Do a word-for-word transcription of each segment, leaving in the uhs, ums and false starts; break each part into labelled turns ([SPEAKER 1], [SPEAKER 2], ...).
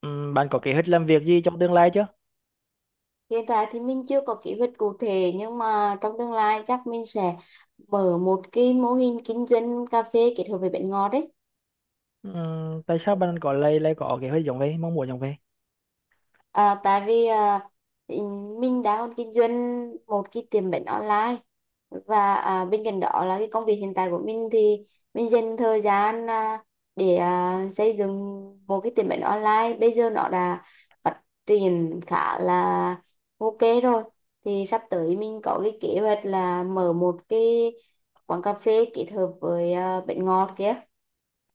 [SPEAKER 1] Ừm, bạn có kế hoạch làm việc gì trong tương lai chưa?
[SPEAKER 2] Hiện tại thì mình chưa có kế hoạch cụ thể nhưng mà trong tương lai chắc mình sẽ mở một cái mô hình kinh doanh cà phê kết hợp với bánh ngọt đấy.
[SPEAKER 1] Ừm, tại sao bạn có lại lại có kế hoạch giống vậy, mong muốn giống vậy?
[SPEAKER 2] À, tại vì à, ý- mình đã còn kinh doanh một cái tiệm bánh online và à, bên cạnh đó là cái công việc hiện tại của mình thì mình dành thời gian à, để à, xây dựng một cái tiệm bánh online, bây giờ nó đã phát triển khá là ok rồi, thì sắp tới mình có cái kế hoạch là mở một cái quán cà phê kết hợp với à, bánh ngọt kia.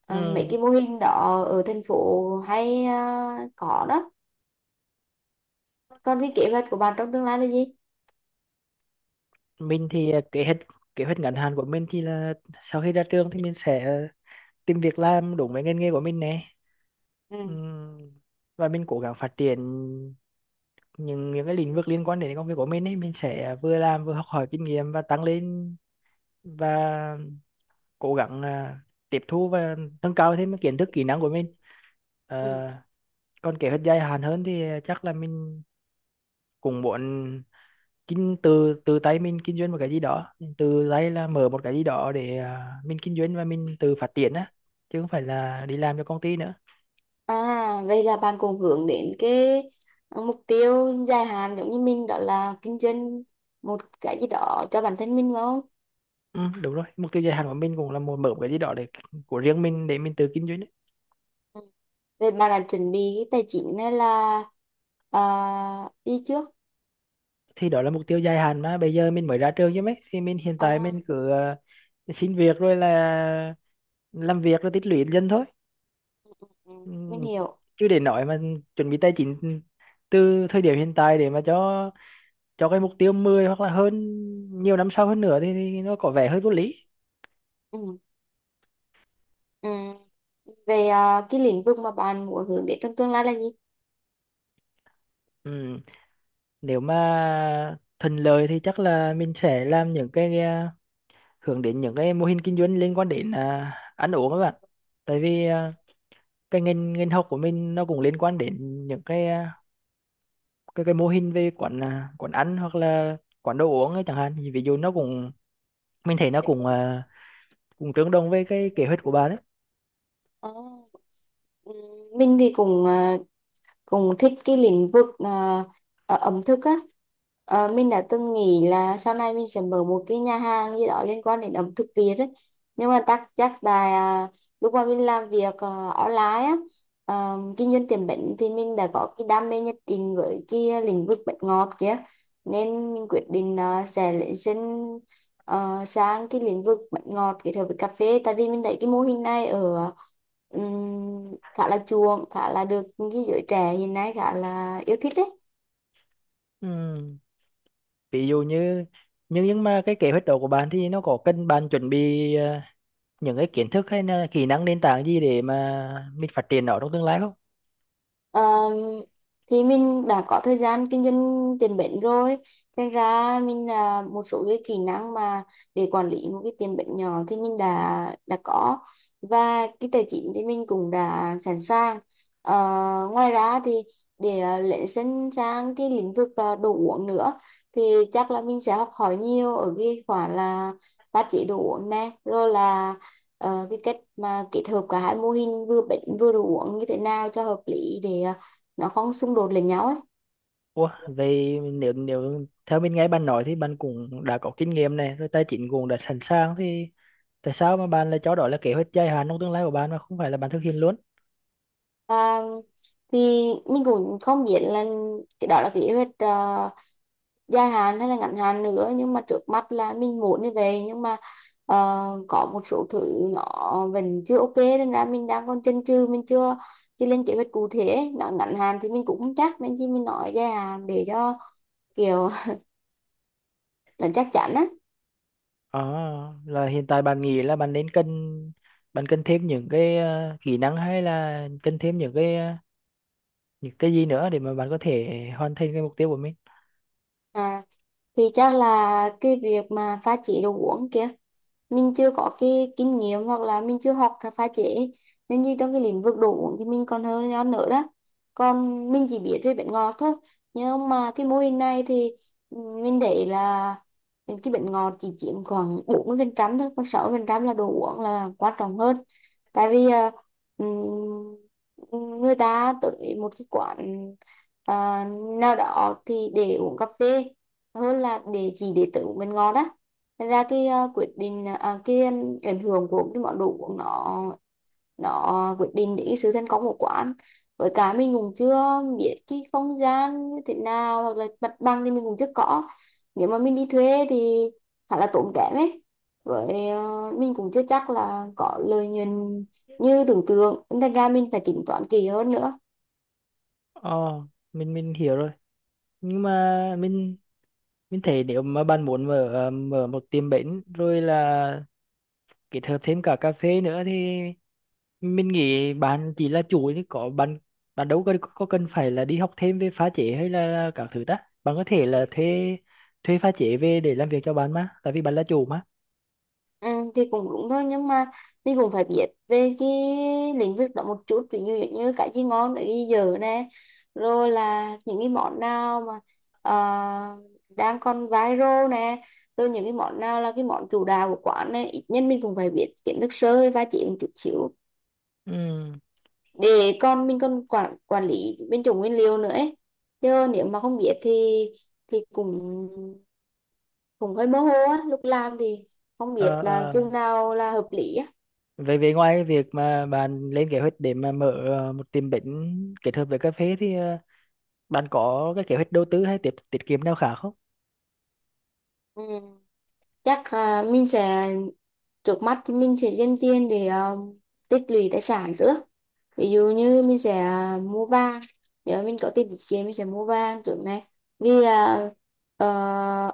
[SPEAKER 2] À, mấy
[SPEAKER 1] Ừm,
[SPEAKER 2] cái mô hình đó ở thành phố hay à, có đó. Còn cái kế hoạch của bạn trong tương lai là gì?
[SPEAKER 1] mình thì ờ, kế hoạch kế hoạch ngắn hạn của mình thì là sau khi ra trường thì mình sẽ ờ, tìm việc làm đúng với ngành nghề của mình nè.
[SPEAKER 2] Ừ.
[SPEAKER 1] Ừm, và mình cố gắng phát triển những những cái lĩnh vực liên quan đến công việc của mình ấy, mình sẽ vừa làm vừa học hỏi kinh nghiệm và tăng lên và cố gắng à, tiếp thu và nâng cao thêm cái kiến thức kỹ năng của mình. Ờ,
[SPEAKER 2] Ừ.
[SPEAKER 1] còn kế hoạch dài hạn hơn thì chắc là mình cũng muốn kinh từ từ tay mình kinh doanh một cái gì đó từ tay, là mở một cái gì đó để à, mình kinh doanh và mình tự phát triển á, chứ không phải là đi làm cho công ty nữa.
[SPEAKER 2] À, vậy là bạn cũng hướng đến cái mục tiêu dài hạn giống như mình, đó là kinh doanh một cái gì đó cho bản thân mình phải không?
[SPEAKER 1] Ừ, đúng rồi, mục tiêu dài hạn của mình cũng là muốn mở một cái gì đó để của riêng mình để mình tự kinh doanh ấy.
[SPEAKER 2] Ừ. Vậy bạn là chuẩn bị cái tài chính hay là à, đi trước?
[SPEAKER 1] Thì đó là mục tiêu dài hạn mà bây giờ mình mới ra trường chứ mấy, thì mình hiện tại
[SPEAKER 2] À,
[SPEAKER 1] mình cứ à, xin việc rồi là làm việc rồi tích lũy dần thôi.
[SPEAKER 2] ừ,
[SPEAKER 1] Ừ,
[SPEAKER 2] mình hiểu.
[SPEAKER 1] chứ để nói mà chuẩn bị tài chính từ thời điểm hiện tại để mà cho cho cái mục tiêu mười hoặc là hơn nhiều năm sau hơn nữa thì, thì nó có vẻ hơi vô lý.
[SPEAKER 2] Ừ. Ừ. Về à, cái lĩnh vực mà bạn muốn hướng đến trong tương lai là gì?
[SPEAKER 1] Ừ. Nếu mà thuận lợi thì chắc là mình sẽ làm những cái à, hướng đến những cái mô hình kinh doanh liên quan đến à, ăn uống các bạn, tại vì à, cái ngành ngành học của mình nó cũng liên quan đến những cái à, cái cái mô hình về quán à, quán ăn hoặc là quán đồ uống ấy chẳng hạn. Thì ví dụ nó cũng, mình thấy nó cũng à, cũng tương đồng với cái kế hoạch của bạn đấy.
[SPEAKER 2] À, ừ, mình thì cũng à, cùng thích cái lĩnh vực à, à, ẩm thực á. Ờ, mình đã từng nghĩ là sau này mình sẽ mở một cái nhà hàng gì đó liên quan đến ẩm thực Việt ấy. Nhưng mà chắc chắc là à, lúc mà mình làm việc ờ, online á, ờ, kinh doanh tiệm bánh thì mình đã có cái đam mê nhất định với cái lĩnh vực bánh ngọt kia, nên mình quyết định ờ, sẽ lấy xin ờ, sang cái lĩnh vực bánh ngọt kết hợp với cà phê, tại vì mình thấy cái mô hình này ở ừm, khá là chuộng, khá là được cái giới trẻ hiện nay khá là yêu thích đấy.
[SPEAKER 1] Ừ. Ví dụ như, nhưng nhưng mà cái kế hoạch đó của bạn thì nó có cần bạn chuẩn bị ờ, những cái kiến thức hay là kỹ năng nền tảng gì để mà mình phát triển nó trong tương lai không?
[SPEAKER 2] Ờ, thì mình đã có thời gian kinh doanh tiền bẩn rồi nên ra mình là một số cái kỹ năng mà để quản lý một cái tiền bẩn nhỏ thì mình đã đã có, và cái tài chính thì mình cũng đã sẵn sàng. Ờ, ngoài ra thì để ờ, lấy sân sang cái lĩnh vực ờ, đồ uống nữa thì chắc là mình sẽ học hỏi nhiều ở cái khoản là pha chế đồ uống nè, rồi là ờ, cái cách mà kết hợp cả hai mô hình vừa bệnh vừa đồ uống như thế nào cho hợp lý để ờ, nó không xung đột lẫn nhau ấy.
[SPEAKER 1] Ủa, vậy nếu nếu theo mình nghe bạn nói thì bạn cũng đã có kinh nghiệm này rồi, tài chính cũng đã sẵn sàng, thì tại sao mà bạn lại cho đó là kế hoạch dài hạn trong tương lai của bạn mà không phải là bạn thực hiện luôn?
[SPEAKER 2] Và thì mình cũng không biết là cái đó là kế hoạch ờ, dài hạn hay là ngắn hạn nữa, nhưng mà trước mắt là mình muốn như vậy, nhưng mà ờ, có một số thứ nó vẫn chưa ok nên ra mình đang còn chần chừ, mình chưa chưa lên kế hoạch cụ thể ấy. Nó ngắn hạn thì mình cũng không chắc nên chỉ mình nói dài hạn để cho kiểu nó chắc chắn á.
[SPEAKER 1] À, là hiện tại bạn nghĩ là bạn nên cần bạn cần thêm những cái ờ, kỹ năng hay là cần thêm những cái ờ, những cái gì nữa để mà bạn có thể hoàn thành cái mục tiêu của mình?
[SPEAKER 2] À, thì chắc là cái việc mà pha chế đồ uống kia mình chưa có cái kinh nghiệm, hoặc là mình chưa học cái pha chế, nên như trong cái lĩnh vực đồ uống thì mình còn hơn nhau nữa đó, còn mình chỉ biết về bánh ngọt thôi. Nhưng mà cái mô hình này thì ừ, mình thấy là cái bánh ngọt chỉ chiếm khoảng bốn mươi phần trăm thôi, còn sáu mươi phần trăm là đồ uống là quan trọng hơn, tại vì à, ừm, người ta tới một cái quán à, nào đó thì để uống cà phê hơn là để chỉ để tự uống bánh ngọt đó. Thật ra cái ờ, quyết định ờ, à, cái ừm, ảnh hưởng của cái món đồ uống nó nó quyết định đến cái sự thành công của quán, với cả mình cũng chưa biết cái không gian như thế nào, hoặc là mặt bằng thì mình cũng chưa có, nếu mà mình đi thuê thì khá là tốn kém ấy, với ờ, mình cũng chưa chắc là có lợi nhuận như tưởng tượng nên thành ra mình phải tính toán kỹ hơn nữa.
[SPEAKER 1] Ờ, mình mình hiểu rồi. Nhưng mà mình mình thấy nếu mà bạn muốn mở ờ, mở một tiệm bánh rồi là kết hợp thêm cả cà phê nữa thì mình nghĩ bạn chỉ là chủ, chứ có bạn bạn đâu có có cần phải là đi học thêm về pha chế hay là các thứ ta. Bạn có thể là thuê thuê pha chế về để làm việc cho bạn mà, tại vì bạn là chủ mà.
[SPEAKER 2] Ừ, thì cũng đúng thôi, nhưng mà mình cũng phải biết về cái lĩnh vực đó một chút, ví dụ như cái gì ngon, cái gì dở nè, rồi là những cái món nào mà ờ, đang còn viral nè, rồi những cái món nào là cái món chủ đạo của quán nè, ít nhất mình cũng phải biết kiến thức sơ và chỉ một chút xíu
[SPEAKER 1] Ừ.
[SPEAKER 2] để con mình còn quản quản lý bên chủ nguyên liệu nữa ấy. Chứ nếu mà không biết thì thì cũng cũng hơi mơ hồ á, lúc làm thì không biết
[SPEAKER 1] Ờ,
[SPEAKER 2] là
[SPEAKER 1] ờ.
[SPEAKER 2] chừng nào là hợp lý á.
[SPEAKER 1] Về, về ngoài việc mà bạn lên kế hoạch để mà mở ờ, một tiệm bánh kết hợp với cà phê thì ờ, bạn có cái kế hoạch đầu tư hay tiết tiết kiệm nào khác không?
[SPEAKER 2] Ừ. Chắc à, mình sẽ, trước mắt thì mình sẽ dành tiền để à, tích lũy tài sản trước, ví dụ như mình sẽ à, mua vàng, nếu mình có tiền tiết kiệm mình sẽ mua vàng trước này, vì à, ờ,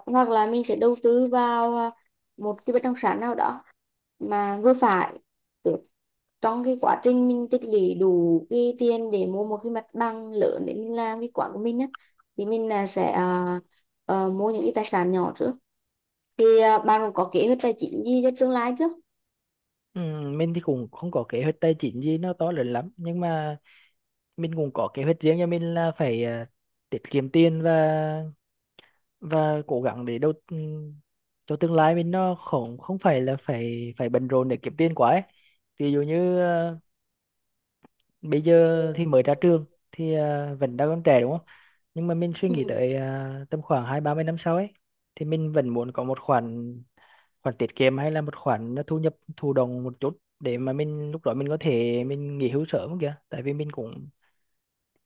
[SPEAKER 2] hoặc là mình sẽ đầu tư vào à, một cái bất động sản nào đó mà vừa phải được, trong cái quá trình mình tích lũy đủ cái tiền để mua một cái mặt bằng lớn để mình làm cái quán của mình á, thì mình là sẽ à, ờ, mua những cái tài sản nhỏ trước. Thì à, bạn cũng có kế hoạch tài chính gì cho tương lai chứ?
[SPEAKER 1] Ừ, mình thì cũng không có kế hoạch tài chính gì nó to lớn lắm, nhưng mà mình cũng có kế hoạch riêng cho mình là phải à, tiết kiệm tiền và và cố gắng để đầu ừm, cho tương lai mình nó không không phải là phải phải bận rộn để kiếm tiền quá ấy. Ví dụ như ờ, bây giờ thì mới ra trường thì à, vẫn đang còn trẻ đúng không, nhưng mà mình suy
[SPEAKER 2] Ừ.
[SPEAKER 1] nghĩ tới à, tầm khoảng hai ba mươi năm sau ấy, thì mình vẫn muốn có một khoản, khoản tiết kiệm hay là một khoản à, thu nhập thụ động một chút để mà mình lúc đó mình có thể mình nghỉ hưu sớm kìa, tại vì mình cũng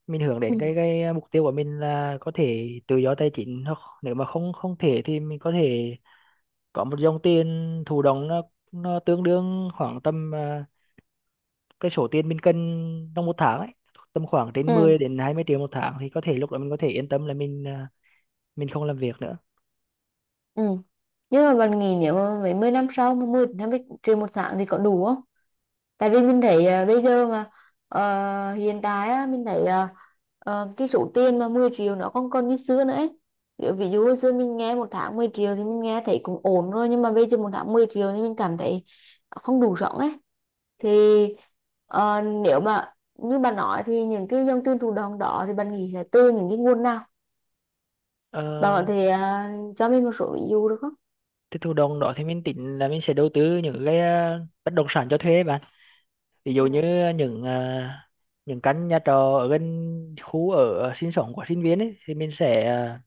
[SPEAKER 1] mình hướng đến
[SPEAKER 2] Ừ.
[SPEAKER 1] cái cái mục tiêu của mình là có thể tự do tài chính, hoặc nếu mà không không thể thì mình có thể có một dòng tiền thụ động, nó nó tương đương khoảng tầm à, cái số tiền mình cần trong một tháng ấy, tầm khoảng trên
[SPEAKER 2] Ừ.
[SPEAKER 1] mười đến hai mươi triệu một tháng thì có thể lúc đó mình có thể yên tâm là mình à, mình không làm việc nữa.
[SPEAKER 2] Ừ. Nhưng mà bạn nghĩ nếu mà mấy mươi năm sau mà mười năm mươi triệu một tháng thì có đủ không, tại vì mình thấy ờ, bây giờ mà ờ, hiện tại á, mình thấy ờ, ờ, cái số tiền mà mười triệu nó không còn như xưa nữa ấy. Kiểu ví dụ hồi xưa mình nghe một tháng mười triệu thì mình nghe thấy cũng ổn rồi, nhưng mà bây giờ một tháng mười triệu thì mình cảm thấy không đủ sống ấy. Thì ờ, nếu mà như bạn nói thì những cái dòng tiền thụ động đó thì bạn nghĩ là từ những cái nguồn nào? Bạn có
[SPEAKER 1] Ờ,
[SPEAKER 2] thể à, cho mình một số ví dụ được không?
[SPEAKER 1] cái thụ động đó thì mình tính là mình sẽ đầu tư những cái à, bất động sản cho thuê bạn, ví dụ
[SPEAKER 2] Ừ.
[SPEAKER 1] như những à, những căn nhà trọ ở gần khu ở sinh sống của sinh viên ấy, thì mình sẽ à,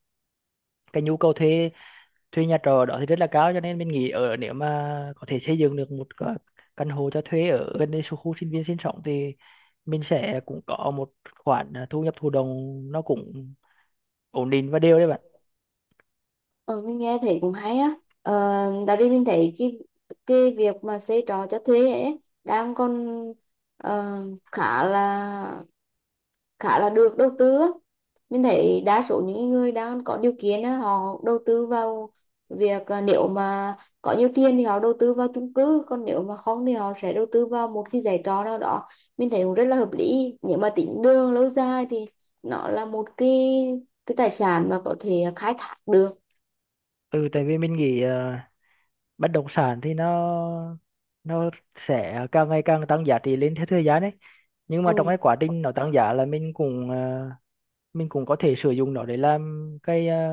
[SPEAKER 1] cái nhu cầu thuê, thuê nhà trọ đó thì rất là cao, cho nên mình nghĩ ở nếu mà có thể xây dựng được một cái căn hộ cho thuê ở gần đây số khu sinh viên sinh sống thì mình sẽ cũng có một khoản à, thu nhập thụ động, nó cũng ổn định và đều đấy bạn.
[SPEAKER 2] Ừ, mình nghe thấy cũng hay á. Ờ, tại vì mình thấy cái cái việc mà xây trọ cho thuê ấy đang còn ờ, khá là khá là được đầu tư á. Mình thấy đa số những người đang có điều kiện á, họ đầu tư vào việc à, nếu mà có nhiều tiền thì họ đầu tư vào chung cư, còn nếu mà không thì họ sẽ đầu tư vào một cái giải trọ nào đó. Mình thấy cũng rất là hợp lý, nếu mà tính đường lâu dài thì nó là một cái cái tài sản mà có thể khai thác được.
[SPEAKER 1] Ừ, tại vì mình nghĩ à, bất động sản thì nó nó sẽ càng ngày càng tăng giá trị lên theo thời gian đấy, nhưng mà trong cái
[SPEAKER 2] Ừ.
[SPEAKER 1] quá trình nó tăng giá là mình cũng à, mình cũng có thể sử dụng nó để làm cái à,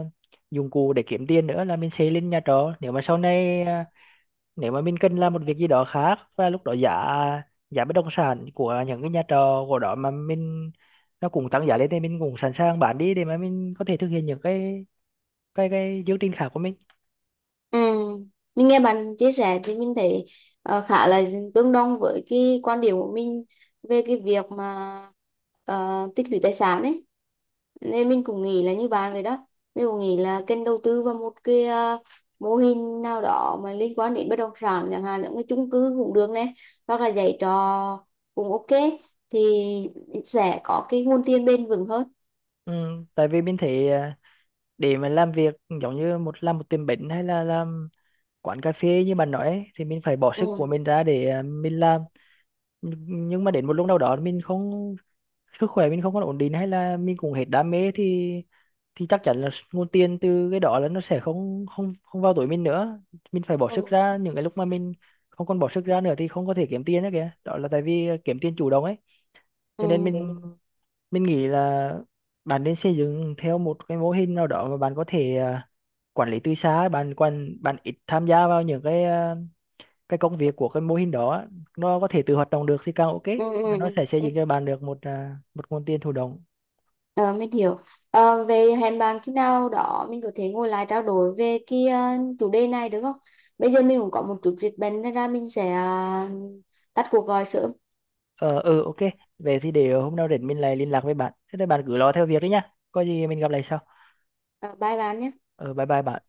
[SPEAKER 1] dụng cụ để kiếm tiền nữa, là mình xây lên nhà trọ. Nếu mà sau này à, nếu mà mình cần làm một việc gì đó khác và lúc đó giá giá bất động sản của những cái nhà trọ của đó mà mình, nó cũng tăng giá lên, thì mình cũng sẵn sàng bán đi để mà mình có thể thực hiện những cái cái cái chương trình khác của mình.
[SPEAKER 2] Ừ. Mình nghe bạn chia sẻ thì mình thấy ờ, khá là tương đồng với cái quan điểm của mình về cái việc mà ờ, tích lũy tài sản ấy. Nên mình cũng nghĩ là như bạn vậy đó. Mình cũng nghĩ là kênh đầu tư vào một cái ờ, mô hình nào đó mà liên quan đến bất động sản, chẳng hạn những cái chung cư cũng được này, hoặc là dạy trò cũng ok, thì sẽ có cái nguồn tiền bền vững hơn.
[SPEAKER 1] Ừ, tại vì mình thấy à, để mà làm việc giống như một làm một tiệm bánh hay là làm quán cà phê như bạn nói ấy, thì mình phải bỏ sức của
[SPEAKER 2] Ừ.
[SPEAKER 1] mình ra để à, mình làm, nhưng nhưng mà đến một lúc nào đó mình không, sức khỏe mình không còn ổn định hay là mình cũng hết đam mê thì thì chắc chắn là nguồn tiền từ cái đó là nó sẽ không không không vào túi mình nữa, mình phải bỏ sức
[SPEAKER 2] Ừ.
[SPEAKER 1] ra. Những cái lúc mà mình không còn bỏ sức ra nữa thì không có thể kiếm tiền nữa kìa, đó là tại vì ờ, kiếm tiền chủ động ấy, cho nên
[SPEAKER 2] Ừ.
[SPEAKER 1] mình
[SPEAKER 2] Ừ.
[SPEAKER 1] mình nghĩ là bạn nên xây dựng theo một cái mô hình nào đó mà bạn có thể à, quản lý từ xa, bạn quan bạn ít tham gia vào những cái à, cái công việc của cái mô hình đó á. Nó có thể tự hoạt động được thì càng ok.
[SPEAKER 2] Ừ.
[SPEAKER 1] Và nó sẽ
[SPEAKER 2] Ừ.
[SPEAKER 1] xây dựng
[SPEAKER 2] Ừ.
[SPEAKER 1] cho bạn được một à, một nguồn tiền thụ động.
[SPEAKER 2] Ờ, mình hiểu. Ờ, về hẹn bạn khi nào đó mình có thể ngồi lại trao đổi về cái ờ, chủ đề này được không? Bây giờ mình cũng có một chút việc bận nên ra mình sẽ ờ, tắt cuộc gọi sớm.
[SPEAKER 1] Ờ, ừ, ok. Về thì để hôm nào rảnh mình lại liên lạc với bạn. Thế thì bạn cứ lo theo việc đấy nhá. Có gì mình gặp lại sau.
[SPEAKER 2] Ờ, bye bạn nhé.
[SPEAKER 1] Ờ, bye bye bạn.